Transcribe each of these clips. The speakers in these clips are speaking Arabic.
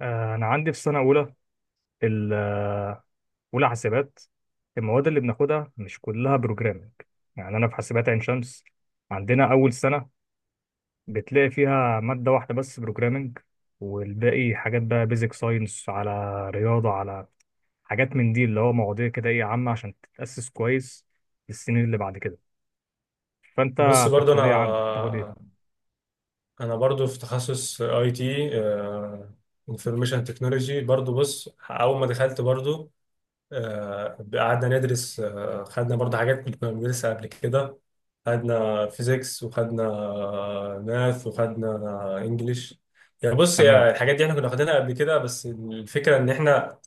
أنا عندي في سنة أولى ال- آه، أولى حاسبات. المواد اللي بناخدها مش كلها بروجرامنج، يعني أنا في حاسبات عين شمس، عندنا أول سنة بتلاقي فيها مادة واحدة بس بروجرامنج، والباقي حاجات بقى بيزك ساينس، على رياضة، على حاجات من دي اللي هو مواضيع كده إيه عامة عشان تتأسس كويس للسنين اللي بعد كده. فأنت بص، في برضو الكلية عندك تاخد انا إيه؟ انا برضو في تخصص اي تي. انفورميشن تكنولوجي، برضو بص، اول ما دخلت برضو قعدنا ندرس. خدنا برضو حاجات كنا بندرسها قبل كده، خدنا فيزيكس وخدنا ماث وخدنا انجليش. يعني بص، تمام. هي الحاجات دي احنا كنا واخدينها قبل كده، بس الفكره ان احنا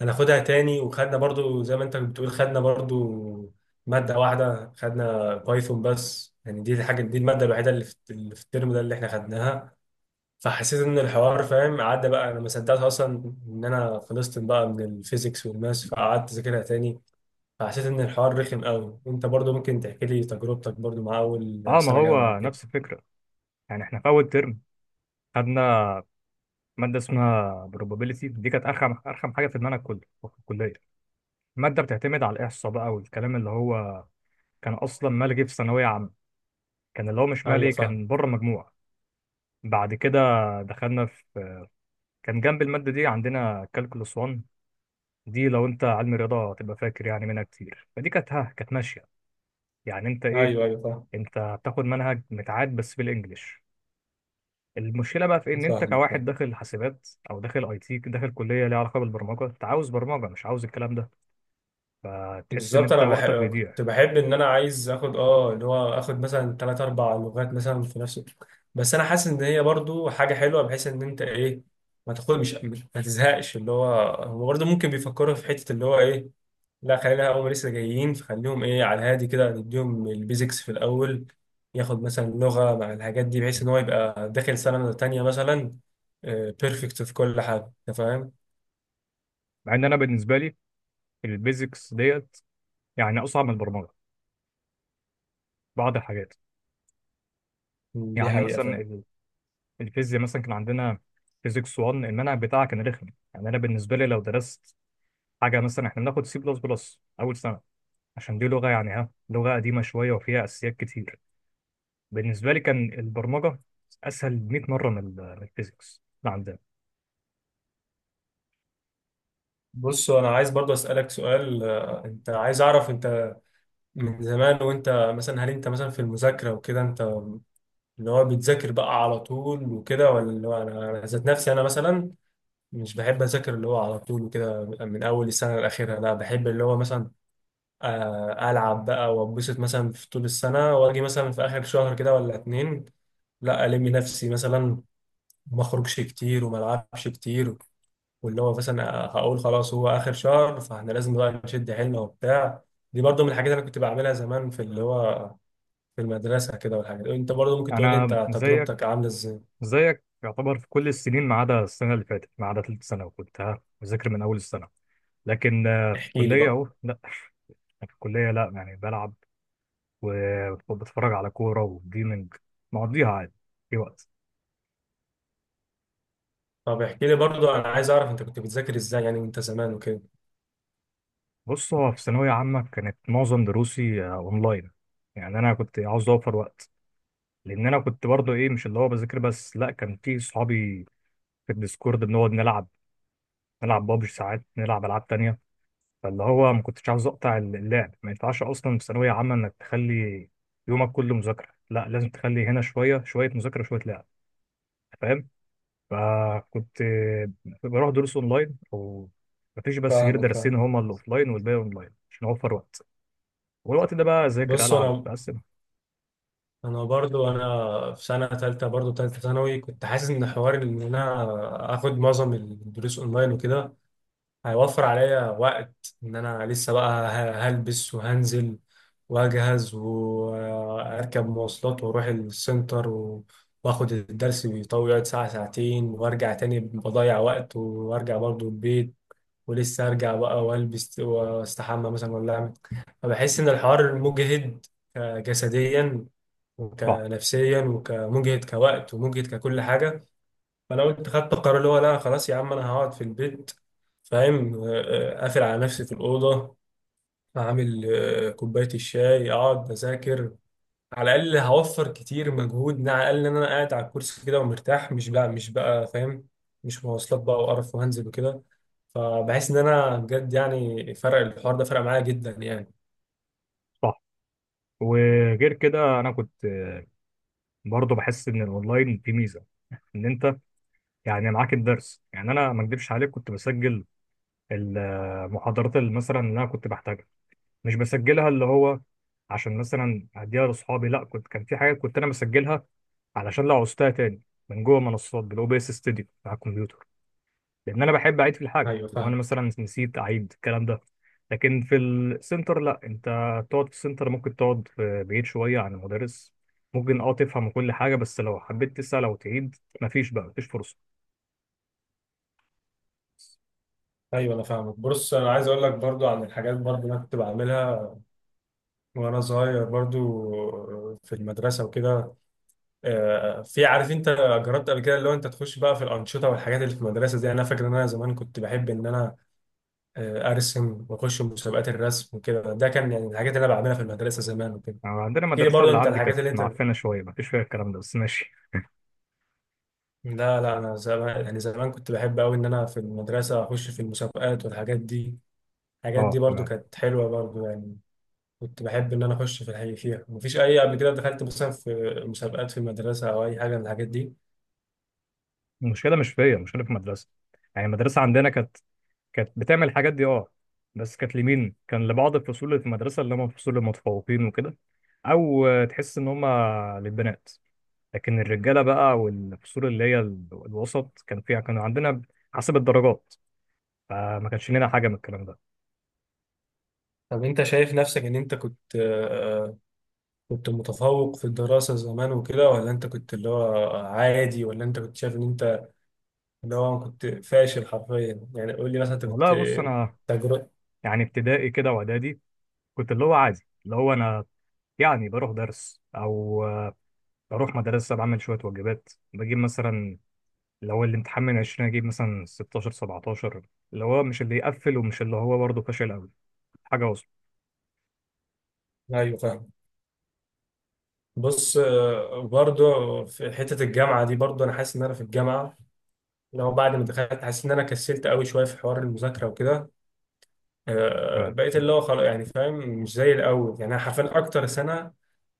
هناخدها تاني. وخدنا برضو زي ما انت بتقول، خدنا برضو مادة واحدة، خدنا بايثون بس. يعني دي الحاجة، دي المادة الوحيدة اللي في الترم ده اللي احنا خدناها. فحسيت ان الحوار فاهم، عدى بقى. انا ما صدقت اصلا ان انا خلصت بقى من الفيزيكس والماس، فقعدت اذاكرها تاني. فحسيت ان الحوار رخم قوي. انت برضو ممكن تحكي لي تجربتك برضو مع اول أه، ما سنة جامعة هو نفس وكده؟ الفكرة، يعني إحنا في أول ترم خدنا مادة اسمها probability. دي كانت أرخم أرخم حاجة في دماغنا كله في الكلية. المادة بتعتمد على الإحصاء بقى، والكلام اللي هو كان أصلا ملغي في ثانوية عامة، كان اللي هو مش ايوه مالي، فاهم. كان بره مجموعة. بعد كده دخلنا في، كان جنب المادة دي عندنا calculus 1، دي لو أنت علم رياضة هتبقى فاكر يعني منها كتير، فدي كانت كانت ماشية. يعني أنت إيه، ايوه ايوه فاهم. أنت بتاخد منهج متعاد بس بالإنجليش. المشكله بقى في ان انت فاهمك. كواحد داخل حاسبات او داخل اي تي، داخل كليه ليها علاقه بالبرمجه، انت عاوز برمجه مش عاوز الكلام ده، فتحس ان بالظبط، انت انا وقتك بحب، كنت بيضيع. بحب ان انا عايز اخد اللي هو اخد مثلا ثلاث اربع لغات مثلا في نفس. بس انا حاسس ان هي برضو حاجه حلوه، بحيث ان انت ايه، ما تاخد، ما تزهقش اللي هو. هو برضو ممكن بيفكروا في حته اللي هو ايه، لا خلينا هم لسه جايين، فخليهم ايه على الهادي كده، نديهم البيزكس في الاول. ياخد مثلا لغه مع الحاجات دي، بحيث ان هو يبقى داخل سنه تانية مثلا بيرفكت في كل حاجه. انت فاهم؟ مع ان انا بالنسبه لي البيزكس ديت يعني اصعب من البرمجه بعض الحاجات. دي يعني حقيقة مثلا فعلا. الفيزياء مثلا كان عندنا فيزيكس 1، المنهج بتاعها كان رخم. يعني انا بالنسبه لي لو درست حاجه، مثلا احنا بناخد سي بلس بلس اول سنه، عشان دي لغه يعني لغه قديمه شويه وفيها اساسيات كتير. بالنسبه لي كان البرمجه اسهل 100 مره من من الفيزيكس اللي عندنا. بص، انا عايز برضو اسالك سؤال. انت عايز اعرف، انت من زمان وانت مثلا، هل انت مثلا في المذاكره وكده، انت اللي هو بتذاكر بقى على طول وكده ولا اللي هو؟ أنا ذات نفسي، انا مثلا مش بحب اذاكر اللي هو على طول وكده من اول السنه لاخرها. لا، بحب اللي هو مثلا العب بقى واتبسط مثلا في طول السنه، واجي مثلا في اخر شهر كده ولا اتنين، لا الم نفسي مثلا، ما اخرجش كتير وما العبش كتير، واللي هو مثلا هقول خلاص هو اخر شهر فاحنا لازم بقى نشد حيلنا وبتاع. دي برضو من الحاجات اللي أنا كنت بعملها زمان في اللي هو، في المدرسه كده والحاجات. انت برضو ممكن تقول لي انا انت تجربتك زيك. عامله ازاي؟ زيك يعتبر في كل السنين، ما عدا السنه اللي فاتت، ما عدا ثالث سنه، وكنت بذاكر من اول السنه. لكن في احكي لي الكلية بقى. أهو لا. في الكلية لا، يعني بلعب وبتفرج على كورة وجيمنج، مقضيها عادي في وقت. طب احكي لي برضو، انا عايز اعرف انت كنت بتذاكر ازاي يعني انت زمان وكده. بص، هو في ثانوية عامة كانت معظم دروسي أونلاين، يعني أنا كنت عاوز أوفر وقت، لأن أنا كنت برضه إيه، مش اللي هو بذاكر بس، لا كان في صحابي في الديسكورد بنقعد نلعب، نلعب بابجي ساعات، نلعب ألعاب تانية، فاللي هو ما كنتش عاوز أقطع اللعب. ما ينفعش أصلا في ثانوية عامة إنك تخلي يومك كله مذاكرة، لا، لازم تخلي هنا شوية شوية مذاكرة شوية لعب. فاهم؟ فكنت بروح دروس اونلاين، او مفيش بس غير فاهمك، درسين فاهم. هما اللي اوفلاين والباقي اونلاين عشان اوفر وقت. والوقت ده بقى اذاكر بص العب انا، بقسم. انا برضو انا في سنه ثالثه، برضو ثالثه ثانوي، كنت حاسس ان حوار ان انا اخد معظم الدروس اونلاين وكده هيوفر عليا وقت. ان انا لسه بقى هلبس وهنزل واجهز واركب مواصلات واروح السنتر، واخد الدرس بيطول، يقعد ساعة ساعتين، وارجع تاني بضيع وقت، وارجع برضو البيت، ولسه ارجع بقى والبس واستحمى مثلا ولا اعمل. فبحس ان الحوار مجهد جسديا صح. وكنفسيا وكمجهد كوقت ومجهد ككل حاجة. فانا قلت خدت القرار اللي هو لا، خلاص يا عم انا هقعد في البيت، فاهم، قافل على نفسي في الاوضه، اعمل كوبايه الشاي، اقعد اذاكر. على الاقل هوفر كتير مجهود، على الاقل ان انا قاعد على الكرسي كده ومرتاح، مش بقى فاهم مش مواصلات بقى وقرف وهنزل وكده. فبحس ان انا بجد يعني فرق الحوار ده فرق معايا جدا يعني. صح. وغير كده انا كنت برضه بحس ان الاونلاين في ميزه، ان انت يعني معاك الدرس. يعني انا ما اكدبش عليك، كنت بسجل المحاضرات اللي مثلا اللي انا كنت بحتاجها، مش بسجلها اللي هو عشان مثلا اديها لاصحابي، لا كنت، كان في حاجات كنت انا بسجلها علشان لو عوزتها تاني من جوه منصات بالاو بي اس ستوديو على الكمبيوتر، لان انا بحب اعيد في الحاجه ايوه لو انا فاهم. مثلا نسيت اعيد الكلام ده. لكن في السنتر لا، انت تقعد في السنتر، ممكن تقعد في بعيد شويه عن المدرس، ممكن تفهم كل حاجه، بس لو حبيت تسال او تعيد مفيش بقى، مفيش فرصه. ايوه انا فاهمك. بص انا عايز اقول لك برضو عن الحاجات برضو اللي انا كنت بعملها وانا صغير برضو في المدرسه وكده. في عارف انت، جربت قبل كده اللي هو انت تخش بقى في الانشطه والحاجات اللي في المدرسه دي؟ انا فاكر ان انا زمان كنت بحب ان انا ارسم واخش مسابقات الرسم وكده. ده كان يعني الحاجات اللي انا بعملها في المدرسه زمان وكده. يعني عندنا احكي لي مدرسه برضه اللي انت عندي كانت الحاجات اللي انت. معفنه شويه، مفيش فيها الكلام ده بس ماشي. لا لا، انا زمان يعني زمان كنت بحب قوي ان انا في المدرسه اخش في المسابقات والحاجات دي. الحاجات دي اه، برضه تمام. كانت حلوه برضه يعني. كنت بحب ان انا اخش في الحقيقة فيها. مفيش اي قبل كده دخلت مثلا في مسابقات في المدرسه او اي حاجه من الحاجات دي. المشكله مش فيا، المشكله في المدرسه. يعني المدرسه عندنا كانت بتعمل الحاجات دي بس كانت لمين، كان لبعض الفصول اللي في المدرسه، اللي هم الفصول المتفوقين وكده، او تحس ان هم للبنات. لكن الرجاله بقى والفصول اللي هي الوسط، كان فيها كانوا عندنا حسب الدرجات، فما كانش لنا حاجه من الكلام ده. طب انت شايف نفسك ان انت كنت متفوق في الدراسة زمان وكده، ولا انت كنت اللي هو عادي، ولا انت كنت شايف ان انت اللي هو كنت فاشل حرفيا؟ يعني قول لي مثلا انت كنت والله بص، انا تجربة. يعني ابتدائي كده واعدادي كنت اللي هو عادي، اللي هو انا يعني بروح درس او بروح مدرسه، بعمل شويه واجبات، بجيب مثلا اللي هو الامتحان من 20 اجيب مثلا 16 17، اللي هو مش اللي يقفل ومش اللي هو برضه فاشل قوي، حاجه وسط. ايوه فاهم. بص، برضه في حتة الجامعة دي برضه انا حاسس ان انا في الجامعة، لو بعد ما دخلت، حاسس ان انا كسلت قوي شوية في حوار المذاكرة وكده. تمام. بقيت اللي هو خلاص يعني فاهم، مش زي الاول، يعني انا حرفيا اكتر سنة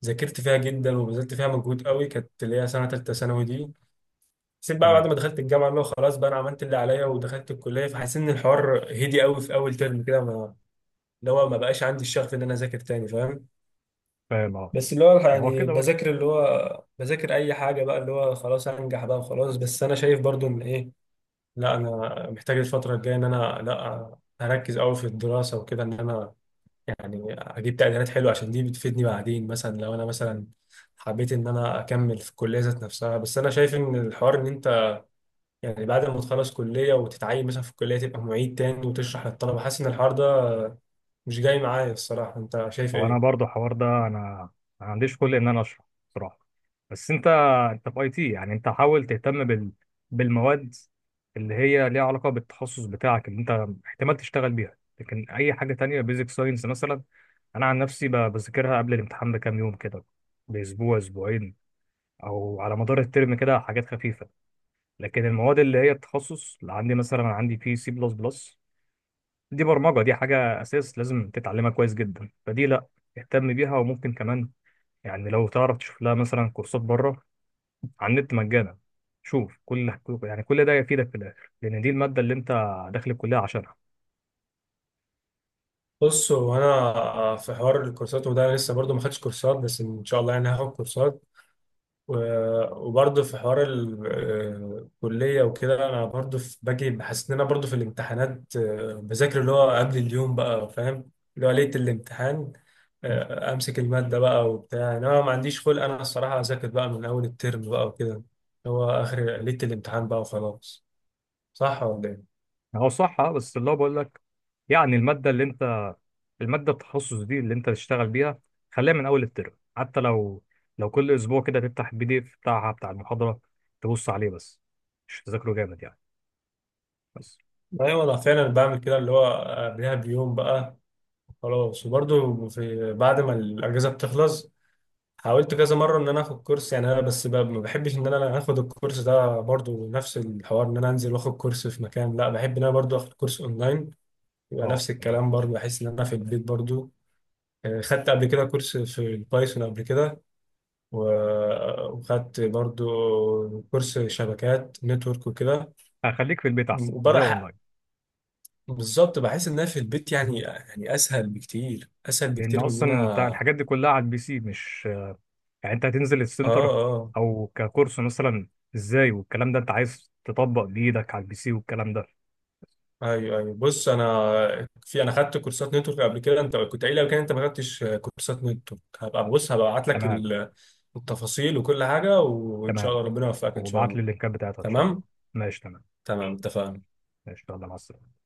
ذاكرت فيها جدا وبذلت فيها مجهود قوي كانت اللي هي سنة تالتة ثانوي دي. حسيت بقى بعد تمام، ما دخلت الجامعه اللي هو خلاص بقى، انا عملت اللي عليا ودخلت الكليه، فحسيت ان الحوار هدي قوي في اول ترم كده، ما اللي هو ما بقاش عندي الشغف ان انا اذاكر تاني، فاهم. فاهم، اه، بس اللي هو ما هو يعني كده برضه. بذاكر اي حاجه بقى، اللي هو خلاص انجح بقى وخلاص. بس انا شايف برضو ان ايه، لا انا محتاج الفتره الجايه ان انا لا، اركز قوي في الدراسه وكده، ان انا يعني اجيب تقديرات حلوه عشان دي بتفيدني بعدين مثلا لو انا مثلا حبيت ان انا اكمل في الكليه ذات نفسها. بس انا شايف ان الحوار ان انت يعني بعد ما تخلص كلية وتتعين مثلا في الكلية، تبقى معيد تاني وتشرح للطلبة، حاسس إن الحوار ده مش جاي معايا الصراحة. أنت شايف هو انا إيه؟ برضو الحوار ده، انا ما عنديش كل ان انا اشرح بصراحه. بس انت في اي تي يعني، انت حاول تهتم بالمواد اللي هي ليها علاقه بالتخصص بتاعك، اللي انت احتمال تشتغل بيها، لكن اي حاجه تانية بيزك ساينس مثلا، انا عن نفسي بذاكرها قبل الامتحان بكام يوم كده، باسبوع اسبوعين، او على مدار الترم كده حاجات خفيفه. لكن المواد اللي هي التخصص اللي عندي، مثلا أنا عندي في سي بلس بلس، دي برمجة، دي حاجة أساس لازم تتعلمها كويس جدا، فدي لأ، اهتم بيها. وممكن كمان يعني لو تعرف تشوف لها مثلا كورسات بره على النت مجانا، شوف كل، يعني كل ده يفيدك في الآخر، لأن دي المادة اللي أنت داخل الكلية عشانها. بص، هو أنا في حوار الكورسات وده أنا لسه برضو ما خدتش كورسات، بس إن شاء الله يعني هاخد كورسات. وبرضه في حوار الكلية وكده. أنا برضه باجي بحس إن أنا برضه في الامتحانات بذاكر اللي هو قبل اليوم بقى، فاهم، اللي هو ليلة الامتحان. أمسك المادة بقى وبتاع. إنما ما عنديش خلق أنا الصراحة أذاكر بقى من أول الترم بقى وكده، اللي هو آخر ليلة الامتحان بقى وخلاص. صح ولا إيه؟ هو صح بس اللي هو بقول لك، يعني المادة اللي أنت، المادة التخصص دي اللي أنت تشتغل بيها، خليها من أول الترم، حتى لو كل أسبوع كده تفتح البي دي إف بتاعها بتاع المحاضرة، تبص عليه بس، مش تذاكره جامد يعني، بس. أيوة أنا فعلا بعمل كده اللي هو قبلها بيوم بقى خلاص. وبرضه في بعد ما الأجازة بتخلص، حاولت كذا مره ان انا اخد كورس، يعني انا بس ما بحبش ان انا اخد الكورس ده برضو نفس الحوار ان انا انزل واخد كورس في مكان، لا بحب ان انا برضو اخد كورس اونلاين، يبقى أه، نفس تمام. الكلام برضو بحس ان انا في البيت برضو. خدت قبل كده كورس في البايثون قبل كده، وخدت برضو كورس شبكات نتورك وكده، هخليك في البيت أحسن، خليها وبرا. أونلاين، بالظبط بحس ان انا في البيت، يعني اسهل بكتير اسهل لان بكتير من ان اصلا انت انا. الحاجات دي كلها على البي سي، مش يعني انت هتنزل اه. السنتر اه. او ككورس مثلا ازاي، والكلام ده انت عايز تطبق بايدك على البي سي والكلام ده. ايوه ايوه، بص انا في، انا خدت كورسات نتورك قبل كده. انت كنت قايل لو كان انت ما خدتش كورسات نتورك، هبقى ابعت لك تمام. التفاصيل وكل حاجه، وان شاء تمام، الله ربنا يوفقك ان شاء وابعت لي الله. اللينكات بتاعتها ان شاء الله. تمام. ماشي تمام. تمام اتفقنا. ماشي، يلا مع السلامه.